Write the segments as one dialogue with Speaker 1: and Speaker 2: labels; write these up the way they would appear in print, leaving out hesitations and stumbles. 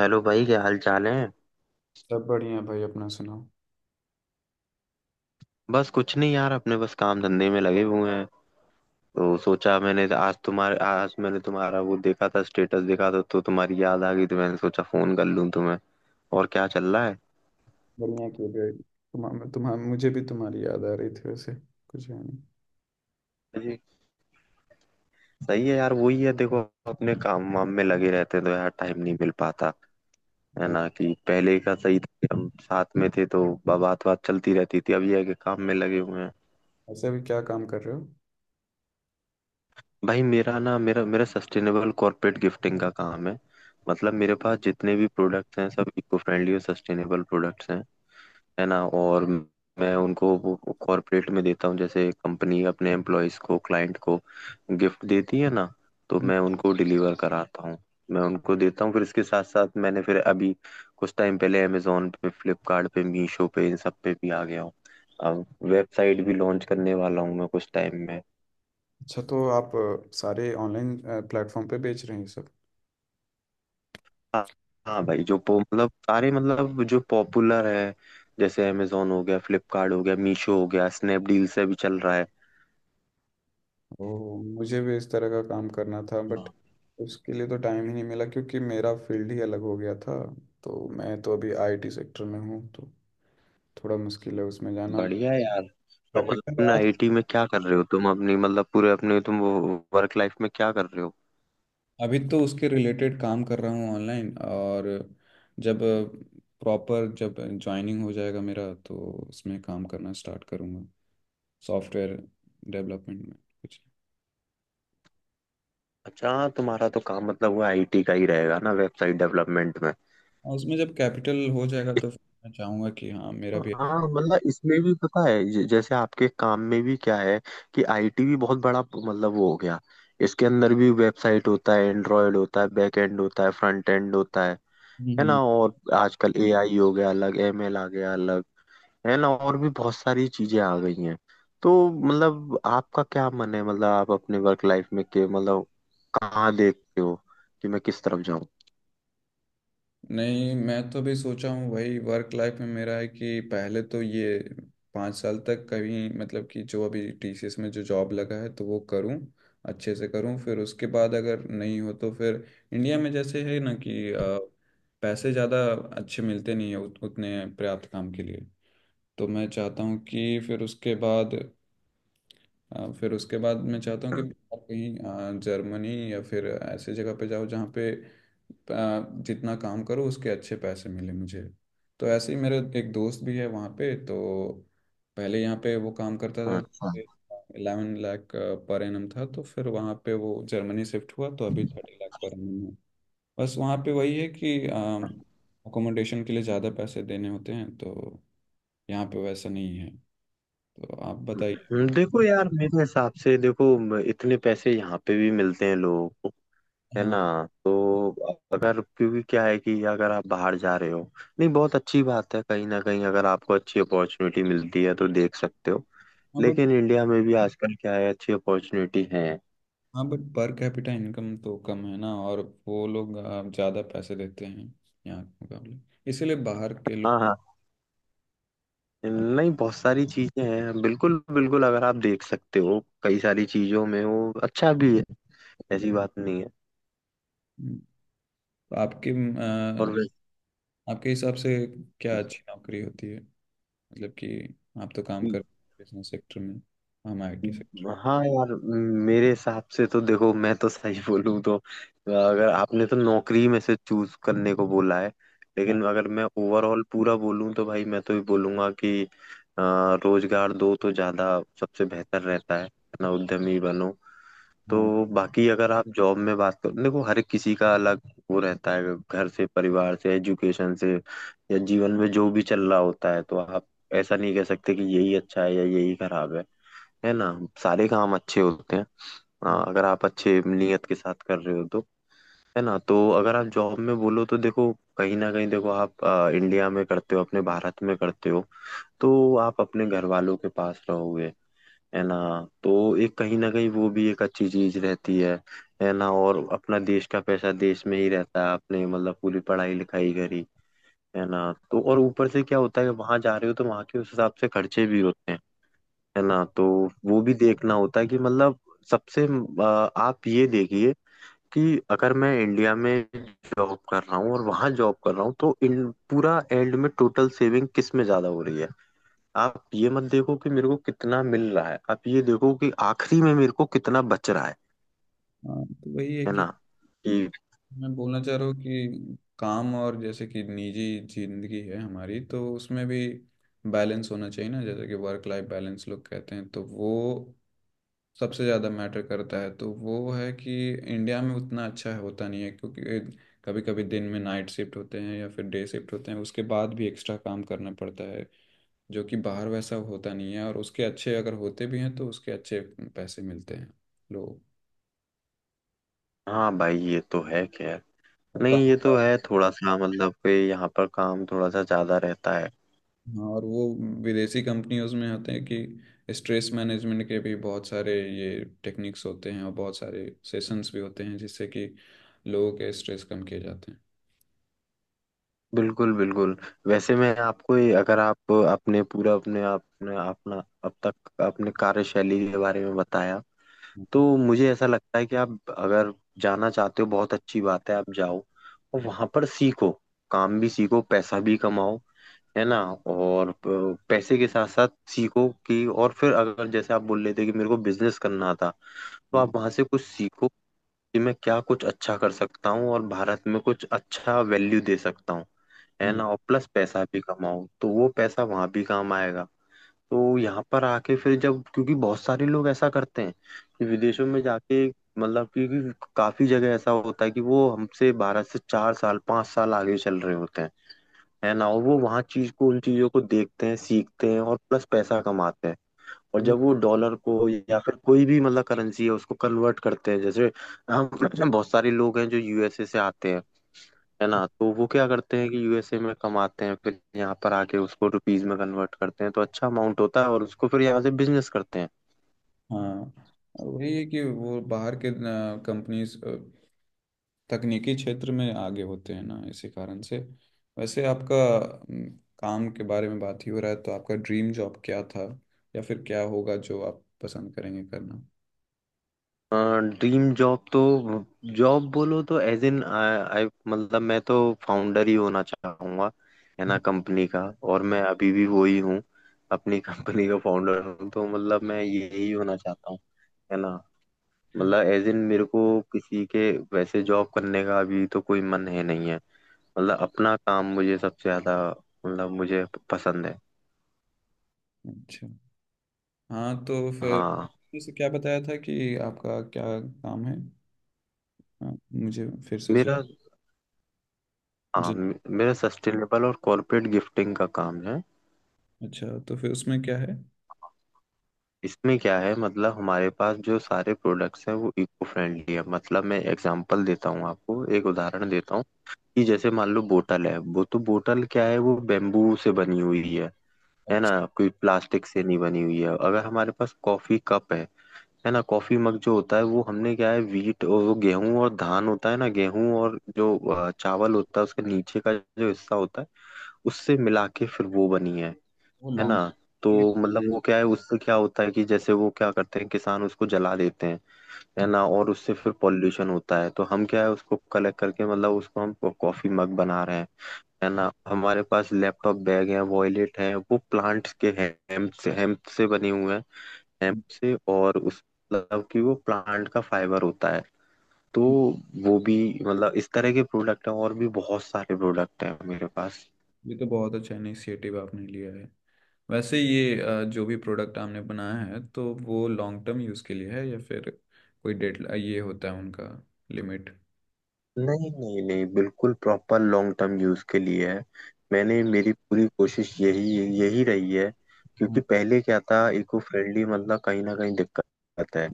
Speaker 1: Hello भाई, क्या हाल चाल है।
Speaker 2: सब बढ़िया है भाई। अपना सुनाओ।
Speaker 1: बस कुछ नहीं यार, अपने बस काम धंधे में लगे हुए हैं। तो सोचा मैंने आज तुम्हारे, आज मैंने तुम्हारा वो देखा था, स्टेटस देखा था, तो तुम्हारी याद आ गई, तो मैंने सोचा फोन कर लूं तुम्हें। और क्या चल रहा है।
Speaker 2: बढ़िया। क्यों भाई? तुम्हारा तुम्हारा मुझे भी तुम्हारी याद आ रही थी, वैसे कुछ है नहीं।
Speaker 1: जी। सही है यार, वही है, देखो, अपने काम वाम में लगे रहते हैं, तो यार टाइम नहीं मिल पाता। है
Speaker 2: और
Speaker 1: ना, कि पहले का सही था कि हम साथ में थे, तो बात बात चलती रहती थी, अब ये है कि काम में लगे हुए हैं।
Speaker 2: ऐसे भी क्या काम कर रहे हो?
Speaker 1: भाई मेरा ना मेरा मेरा सस्टेनेबल कॉर्पोरेट गिफ्टिंग का काम है। मतलब मेरे पास जितने भी प्रोडक्ट्स हैं, सब इको फ्रेंडली और सस्टेनेबल प्रोडक्ट्स हैं। है ना। और मैं उनको वो कॉर्पोरेट में देता हूँ। जैसे कंपनी अपने एम्प्लॉयज को, क्लाइंट को गिफ्ट देती है ना, तो
Speaker 2: हम्म।
Speaker 1: मैं उनको डिलीवर कराता हूँ। मैं उनको देता हूँ। फिर इसके साथ साथ मैंने फिर अभी कुछ टाइम पहले अमेजोन पे, फ्लिपकार्ट पे, मीशो पे, इन सब पे भी आ गया हूँ। अब वेबसाइट भी लॉन्च करने वाला हूँ मैं कुछ टाइम में।
Speaker 2: अच्छा, तो आप सारे ऑनलाइन प्लेटफॉर्म पे बेच रहे हैं ये सब?
Speaker 1: हाँ। हाँ भाई, जो पो मतलब सारे, मतलब जो पॉपुलर है, जैसे अमेजोन हो गया, फ्लिपकार्ट हो गया, मीशो हो गया, स्नैपडील से भी चल रहा है।
Speaker 2: ओ, मुझे भी इस तरह का काम करना था, बट
Speaker 1: हाँ।
Speaker 2: उसके लिए तो टाइम ही नहीं मिला क्योंकि मेरा फील्ड ही अलग हो गया था। तो मैं तो अभी आईटी सेक्टर में हूँ तो थोड़ा मुश्किल है उसमें जाना।
Speaker 1: बढ़िया है यार। तो मतलब
Speaker 2: कैपिटल।
Speaker 1: तुम आईटी में क्या कर रहे हो, तुम अपनी मतलब पूरे अपने तुम वर्क लाइफ में क्या कर रहे हो।
Speaker 2: अभी तो उसके रिलेटेड काम कर रहा हूँ ऑनलाइन, और जब प्रॉपर जब ज्वाइनिंग हो जाएगा मेरा तो उसमें काम करना स्टार्ट करूँगा, सॉफ्टवेयर डेवलपमेंट में कुछ।
Speaker 1: अच्छा, हाँ, तुम्हारा तो काम मतलब वो आईटी का ही रहेगा ना, वेबसाइट डेवलपमेंट में।
Speaker 2: और उसमें जब कैपिटल हो जाएगा तो फिर मैं चाहूँगा कि हाँ, मेरा भी।
Speaker 1: हाँ मतलब इसमें भी पता है जैसे आपके काम में भी क्या है कि आईटी भी बहुत बड़ा मतलब वो हो गया। इसके अंदर भी वेबसाइट होता है, एंड्रॉयड होता है, बैक एंड होता है, फ्रंट एंड होता है। है ना,
Speaker 2: हम्म।
Speaker 1: और आजकल एआई हो गया अलग, एमएल आ गया अलग। है ना, और भी बहुत सारी चीजें आ गई हैं। तो मतलब आपका क्या मन है, मतलब आप अपने वर्क लाइफ में के मतलब कहाँ देखते हो, कि मैं किस तरफ जाऊँ।
Speaker 2: नहीं, मैं तो भी सोचा हूँ, वही वर्क लाइफ में मेरा है कि पहले तो ये 5 साल तक कहीं, मतलब कि जो अभी टीसीएस में जो जॉब लगा है तो वो करूँ, अच्छे से करूँ। फिर उसके बाद अगर नहीं हो तो फिर इंडिया में, जैसे है ना कि पैसे ज़्यादा अच्छे मिलते नहीं है उतने पर्याप्त काम के लिए। तो मैं चाहता हूँ कि फिर उसके बाद, फिर उसके बाद मैं चाहता हूँ कि बाहर कहीं, जर्मनी या फिर ऐसे जगह पे जाओ जहाँ पे जितना काम करो उसके अच्छे पैसे मिले मुझे। तो ऐसे ही मेरा एक दोस्त भी है वहाँ पे। तो पहले यहाँ पे वो काम करता
Speaker 1: अच्छा।
Speaker 2: था, 11 लाख पर एनम था, तो फिर वहाँ पे वो जर्मनी शिफ्ट हुआ तो अभी 30 लाख पर एनम है। बस वहाँ पे वही है कि अकोमोडेशन के लिए ज़्यादा पैसे देने होते हैं, तो यहाँ पे वैसा नहीं है। तो आप बताइए।
Speaker 1: देखो यार, मेरे हिसाब से देखो, इतने पैसे यहाँ पे भी मिलते हैं लोगों को। है
Speaker 2: हाँ,
Speaker 1: ना, तो अगर, क्योंकि क्या है कि अगर आप बाहर जा रहे हो, नहीं, बहुत अच्छी बात है, कहीं ना कहीं अगर आपको अच्छी अपॉर्चुनिटी मिलती है तो देख सकते हो।
Speaker 2: हाँ।
Speaker 1: लेकिन इंडिया में भी आजकल क्या है, अच्छी अपॉर्चुनिटी है।
Speaker 2: हाँ, बट पर कैपिटा इनकम तो कम है ना, और वो लोग ज़्यादा पैसे देते हैं यहाँ के मुकाबले, इसीलिए बाहर के लोग।
Speaker 1: हाँ, हाँ, नहीं, बहुत सारी चीजें हैं, बिल्कुल बिल्कुल, अगर आप देख सकते हो कई सारी चीजों में वो अच्छा भी है, ऐसी बात नहीं है।
Speaker 2: तो आ,
Speaker 1: और
Speaker 2: आपके हिसाब से क्या
Speaker 1: वैसे
Speaker 2: अच्छी नौकरी होती है, मतलब कि आप तो काम कर बिजनेस सेक्टर में, हम आईटी सेक्टर।
Speaker 1: हाँ यार, मेरे हिसाब से तो देखो, मैं तो सही बोलूँ तो, अगर आपने तो नौकरी में से चूज करने को बोला है,
Speaker 2: हाँ,
Speaker 1: लेकिन अगर मैं ओवरऑल पूरा बोलूँ तो भाई मैं तो ये बोलूंगा कि अ, रोजगार दो, तो ज्यादा सबसे बेहतर रहता है, अपना उद्यमी बनो।
Speaker 2: हाँ।
Speaker 1: तो बाकी अगर आप जॉब में बात करो, देखो हर एक किसी का अलग वो रहता है, घर से, परिवार से, एजुकेशन से, या जीवन में जो भी चल रहा होता है, तो आप ऐसा नहीं कह सकते कि यही अच्छा है या यही खराब है। है ना, सारे काम अच्छे होते हैं। हाँ, अगर आप अच्छे नियत के साथ कर रहे हो तो। है ना, तो अगर आप जॉब में बोलो तो देखो, कहीं ना कहीं देखो, आप इंडिया में करते हो, अपने भारत में करते हो, तो आप अपने घर वालों के पास रहोगे। है ना, तो एक कहीं ना कहीं वो भी एक अच्छी चीज रहती है। है ना, और अपना देश का पैसा देश में ही रहता है। आपने मतलब पूरी पढ़ाई लिखाई करी, है ना, तो। और ऊपर से क्या होता है, वहां जा रहे हो तो वहां के उस हिसाब से खर्चे भी होते हैं। है ना, तो वो भी देखना होता है कि मतलब सबसे आप ये देखिए कि अगर मैं इंडिया में जॉब कर रहा हूँ और वहां जॉब कर रहा हूँ, तो इन पूरा एंड में टोटल सेविंग किस में ज्यादा हो रही है। आप ये मत देखो कि मेरे को कितना मिल रहा है, आप ये देखो कि आखिरी में मेरे को कितना बच रहा है।
Speaker 2: हाँ, तो वही है
Speaker 1: है ना,
Speaker 2: कि
Speaker 1: कि।
Speaker 2: मैं बोलना चाह रहा हूँ कि काम, और जैसे कि निजी जिंदगी है हमारी, तो उसमें भी बैलेंस होना चाहिए ना। जैसे कि वर्क लाइफ बैलेंस लोग कहते हैं, तो वो सबसे ज़्यादा मैटर करता है। तो वो है कि इंडिया में उतना अच्छा होता नहीं है क्योंकि कभी कभी दिन में नाइट शिफ्ट होते हैं या फिर डे शिफ्ट होते हैं, उसके बाद भी एक्स्ट्रा काम करना पड़ता है, जो कि बाहर वैसा होता नहीं है, और उसके अच्छे अगर होते भी हैं तो उसके अच्छे पैसे मिलते हैं लोग
Speaker 1: हाँ भाई ये तो है खैर।
Speaker 2: और
Speaker 1: नहीं ये
Speaker 2: काम।
Speaker 1: तो है, थोड़ा सा मतलब कि यहाँ पर काम थोड़ा सा ज्यादा रहता है।
Speaker 2: हाँ, और वो विदेशी कंपनियों में होते हैं कि स्ट्रेस मैनेजमेंट के भी बहुत सारे ये टेक्निक्स होते हैं, और बहुत सारे सेशंस भी होते हैं जिससे कि लोगों के स्ट्रेस कम किए जाते हैं।
Speaker 1: बिल्कुल बिल्कुल। वैसे मैं आपको अगर आप अपने पूरा अपने आपने अपना अब तक अपने कार्यशैली के बारे में बताया, तो मुझे ऐसा लगता है कि आप अगर जाना चाहते हो, बहुत अच्छी बात है, आप जाओ और वहां पर सीखो, काम भी सीखो, पैसा भी कमाओ। है ना, और पैसे के साथ साथ सीखो कि, और फिर अगर जैसे आप बोल रहे थे कि मेरे को बिजनेस करना था, तो
Speaker 2: हम्म,
Speaker 1: आप वहां से कुछ सीखो कि मैं क्या कुछ अच्छा कर सकता हूँ और भारत में कुछ अच्छा वैल्यू दे सकता हूँ। है ना, और प्लस पैसा भी कमाऊँ, तो वो पैसा वहां भी काम आएगा। तो यहाँ पर आके फिर जब, क्योंकि बहुत सारे लोग ऐसा करते हैं कि विदेशों में जाके मतलब, क्योंकि काफी जगह ऐसा होता है कि वो हमसे, भारत से 4 साल 5 साल आगे चल रहे होते हैं। है ना, और वो वहाँ चीज को, उन चीजों को देखते हैं, सीखते हैं, और प्लस पैसा कमाते हैं। और
Speaker 2: वही-
Speaker 1: जब वो डॉलर को या फिर कोई भी मतलब करेंसी है उसको कन्वर्ट करते हैं, जैसे हम। बहुत सारे लोग हैं जो यूएसए से आते हैं। है ना, तो वो क्या करते हैं कि यूएसए में कमाते हैं, फिर यहाँ पर आके उसको रुपीज में कन्वर्ट करते हैं, तो अच्छा अमाउंट होता है, और उसको फिर यहाँ से बिजनेस करते हैं।
Speaker 2: हाँ, और वही है कि वो बाहर के कंपनीज तकनीकी क्षेत्र में आगे होते हैं ना, इसी कारण से। वैसे आपका काम के बारे में बात ही हो रहा है, तो आपका ड्रीम जॉब क्या था, या फिर क्या होगा जो आप पसंद करेंगे करना?
Speaker 1: ड्रीम जॉब तो, जॉब बोलो तो एज इन आई, मतलब मैं तो फाउंडर ही होना चाहूंगा। है ना, कंपनी का, और मैं अभी भी वो ही हूँ, अपनी कंपनी का फाउंडर हूँ, तो मतलब मैं यही होना चाहता हूँ। है ना, मतलब एज इन मेरे को किसी के वैसे जॉब करने का अभी तो कोई मन है नहीं है। मतलब अपना काम मुझे सबसे ज्यादा मतलब मुझे पसंद है।
Speaker 2: अच्छा, हाँ, तो फिर
Speaker 1: हाँ।
Speaker 2: जैसे क्या बताया था कि आपका क्या काम है? हाँ, मुझे फिर से सुन।
Speaker 1: मेरा, हाँ
Speaker 2: जी।
Speaker 1: मेरा सस्टेनेबल और कॉर्पोरेट गिफ्टिंग का काम है।
Speaker 2: अच्छा, तो फिर उसमें क्या है?
Speaker 1: इसमें क्या है, मतलब हमारे पास जो सारे प्रोडक्ट्स हैं वो इको फ्रेंडली है। मतलब मैं एग्जांपल देता हूँ आपको, एक उदाहरण देता हूँ कि जैसे मान लो बोतल है, वो, तो बोतल क्या है, वो बेम्बू से बनी हुई है। है
Speaker 2: अच्छा।
Speaker 1: ना, कोई प्लास्टिक से नहीं बनी हुई है। अगर हमारे पास कॉफी कप है ना, कॉफी मग जो होता है, वो हमने क्या है, वीट, और वो गेहूं और धान होता है ना, गेहूं और जो चावल होता है, उसके नीचे का जो हिस्सा होता है उससे मिला के फिर वो बनी है।
Speaker 2: वो
Speaker 1: है ना, तो मतलब वो क्या है, उससे क्या होता है कि जैसे वो क्या करते हैं किसान, उसको जला देते हैं। है
Speaker 2: लॉन्ग।
Speaker 1: ना, और उससे फिर पॉल्यूशन होता है, तो हम क्या है, उसको कलेक्ट करके मतलब उसको हम कॉफी मग बना रहे हैं। है ना, हमारे पास लैपटॉप बैग है, वॉयलेट है, वो प्लांट्स के हेम्प से बने हुए हैं, hemp से। और उस मतलब कि वो प्लांट का फाइबर होता है, तो वो भी मतलब इस तरह के प्रोडक्ट हैं, और भी बहुत सारे प्रोडक्ट हैं मेरे पास।
Speaker 2: ये तो बहुत अच्छा इनिशिएटिव आपने लिया है। वैसे ये जो भी प्रोडक्ट आपने बनाया है तो वो लॉन्ग टर्म यूज़ के लिए है, या फिर कोई डेट ये होता है उनका, लिमिट?
Speaker 1: नहीं नहीं नहीं, बिल्कुल प्रॉपर लॉन्ग टर्म यूज के लिए है। मैंने, मेरी पूरी कोशिश यही यही रही है, क्योंकि
Speaker 2: हाँ,
Speaker 1: पहले क्या था, इको फ्रेंडली मतलब कहीं ना कहीं दिक्कत है।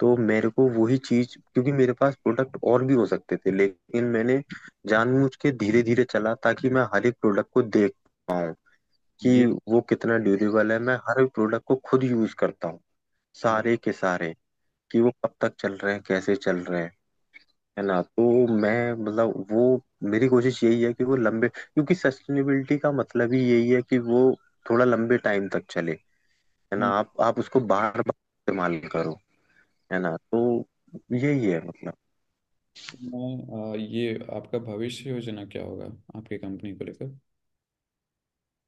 Speaker 1: तो मेरे को वही चीज, क्योंकि मेरे पास प्रोडक्ट और भी हो सकते थे, लेकिन मैंने जानबूझ के धीरे धीरे चला, ताकि मैं हर एक प्रोडक्ट को देख पाऊँ कि
Speaker 2: ये।
Speaker 1: वो कितना ड्यूरेबल है। मैं हर प्रोडक्ट को खुद यूज करता हूँ, सारे के सारे, कि वो कब तक चल रहे हैं, कैसे चल रहे हैं। है ना, तो मैं मतलब वो, मेरी कोशिश यही है कि वो लंबे, क्योंकि सस्टेनेबिलिटी का मतलब ही यही है कि वो थोड़ा लंबे टाइम तक चले। है ना,
Speaker 2: हम्म,
Speaker 1: आप उसको बार बार इस्तेमाल करो। है ना, तो यही है मतलब।
Speaker 2: तो मैं ये आपका भविष्य योजना क्या होगा आपकी कंपनी को लेकर?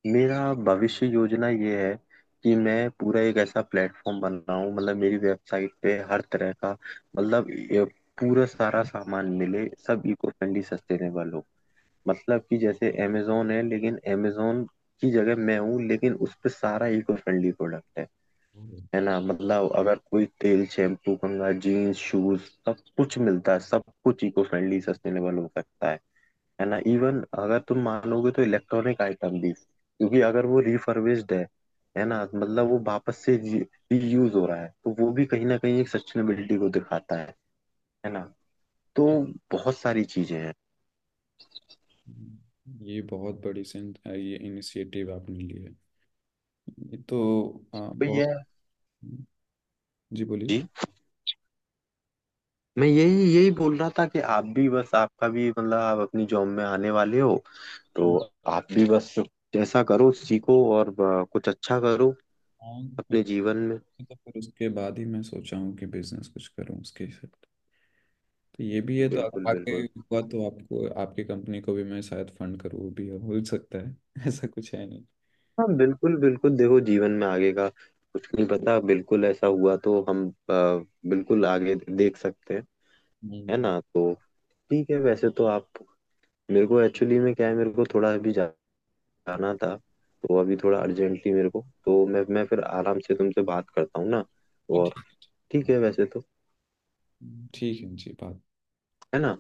Speaker 1: मेरा भविष्य योजना ये है कि मैं पूरा एक ऐसा प्लेटफॉर्म बनाऊं, मतलब मेरी वेबसाइट पे हर तरह का, मतलब ये पूरा सारा सामान मिले, सब इको फ्रेंडली सस्टेनेबल हो। मतलब कि जैसे amazon है, लेकिन amazon की जगह मैं हूँ, लेकिन उस पे सारा इको फ्रेंडली प्रोडक्ट है।
Speaker 2: हम्म,
Speaker 1: है ना, मतलब अगर कोई तेल, शैम्पू, कंघा, जीन्स, शूज, सब कुछ मिलता है, सब कुछ इको फ्रेंडली सस्टेनेबल हो सकता है। है ना, इवन अगर तुम मानोगे तो इलेक्ट्रॉनिक आइटम भी, क्योंकि अगर वो रिफर्बिश्ड है ना, मतलब वो वापस से रीयूज हो रहा है, तो वो भी कहीं ना कहीं एक सस्टेनेबिलिटी को दिखाता है। है ना, तो बहुत सारी चीजें हैं।
Speaker 2: ये बहुत बड़ी ये इनिशिएटिव आपने लिया है। ये तो
Speaker 1: तो
Speaker 2: बहुत।
Speaker 1: ये।
Speaker 2: जी, बोलिए।
Speaker 1: जी, मैं यही यही बोल रहा था कि आप भी बस, आपका भी मतलब आप अपनी जॉब में आने वाले हो,
Speaker 2: हाँ,
Speaker 1: तो आप भी बस जैसा करो, सीखो, और कुछ अच्छा करो
Speaker 2: कुछ।
Speaker 1: अपने
Speaker 2: नहीं,
Speaker 1: जीवन में।
Speaker 2: तो फिर उसके बाद ही मैं सोचा हूँ कि बिजनेस कुछ करूँ उसके हिसाब, तो ये भी है। तो
Speaker 1: बिल्कुल
Speaker 2: आगे
Speaker 1: बिल्कुल।
Speaker 2: हुआ तो आपको आपकी कंपनी को भी मैं शायद फंड करूँ, वो भी हो सकता है। ऐसा कुछ है नहीं।
Speaker 1: हाँ बिल्कुल बिल्कुल, देखो जीवन में आगे का कुछ नहीं पता, बिल्कुल ऐसा हुआ तो हम बिल्कुल आगे देख सकते हैं। है
Speaker 2: हम्म,
Speaker 1: ना, तो ठीक है, वैसे तो आप, मेरे को एक्चुअली में क्या है, मेरे को थोड़ा अभी जाना था, तो अभी थोड़ा अर्जेंटली मेरे को, तो मैं फिर आराम से तुमसे बात करता हूँ ना।
Speaker 2: हाँ,
Speaker 1: और
Speaker 2: ठीक है। ठीक
Speaker 1: ठीक है वैसे तो।
Speaker 2: है। ठीक है जी, बात।
Speaker 1: है ना,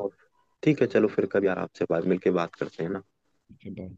Speaker 1: और ठीक है, चलो फिर कभी आराम से बात, मिलके बात करते हैं ना।
Speaker 2: ठीक है, बाय।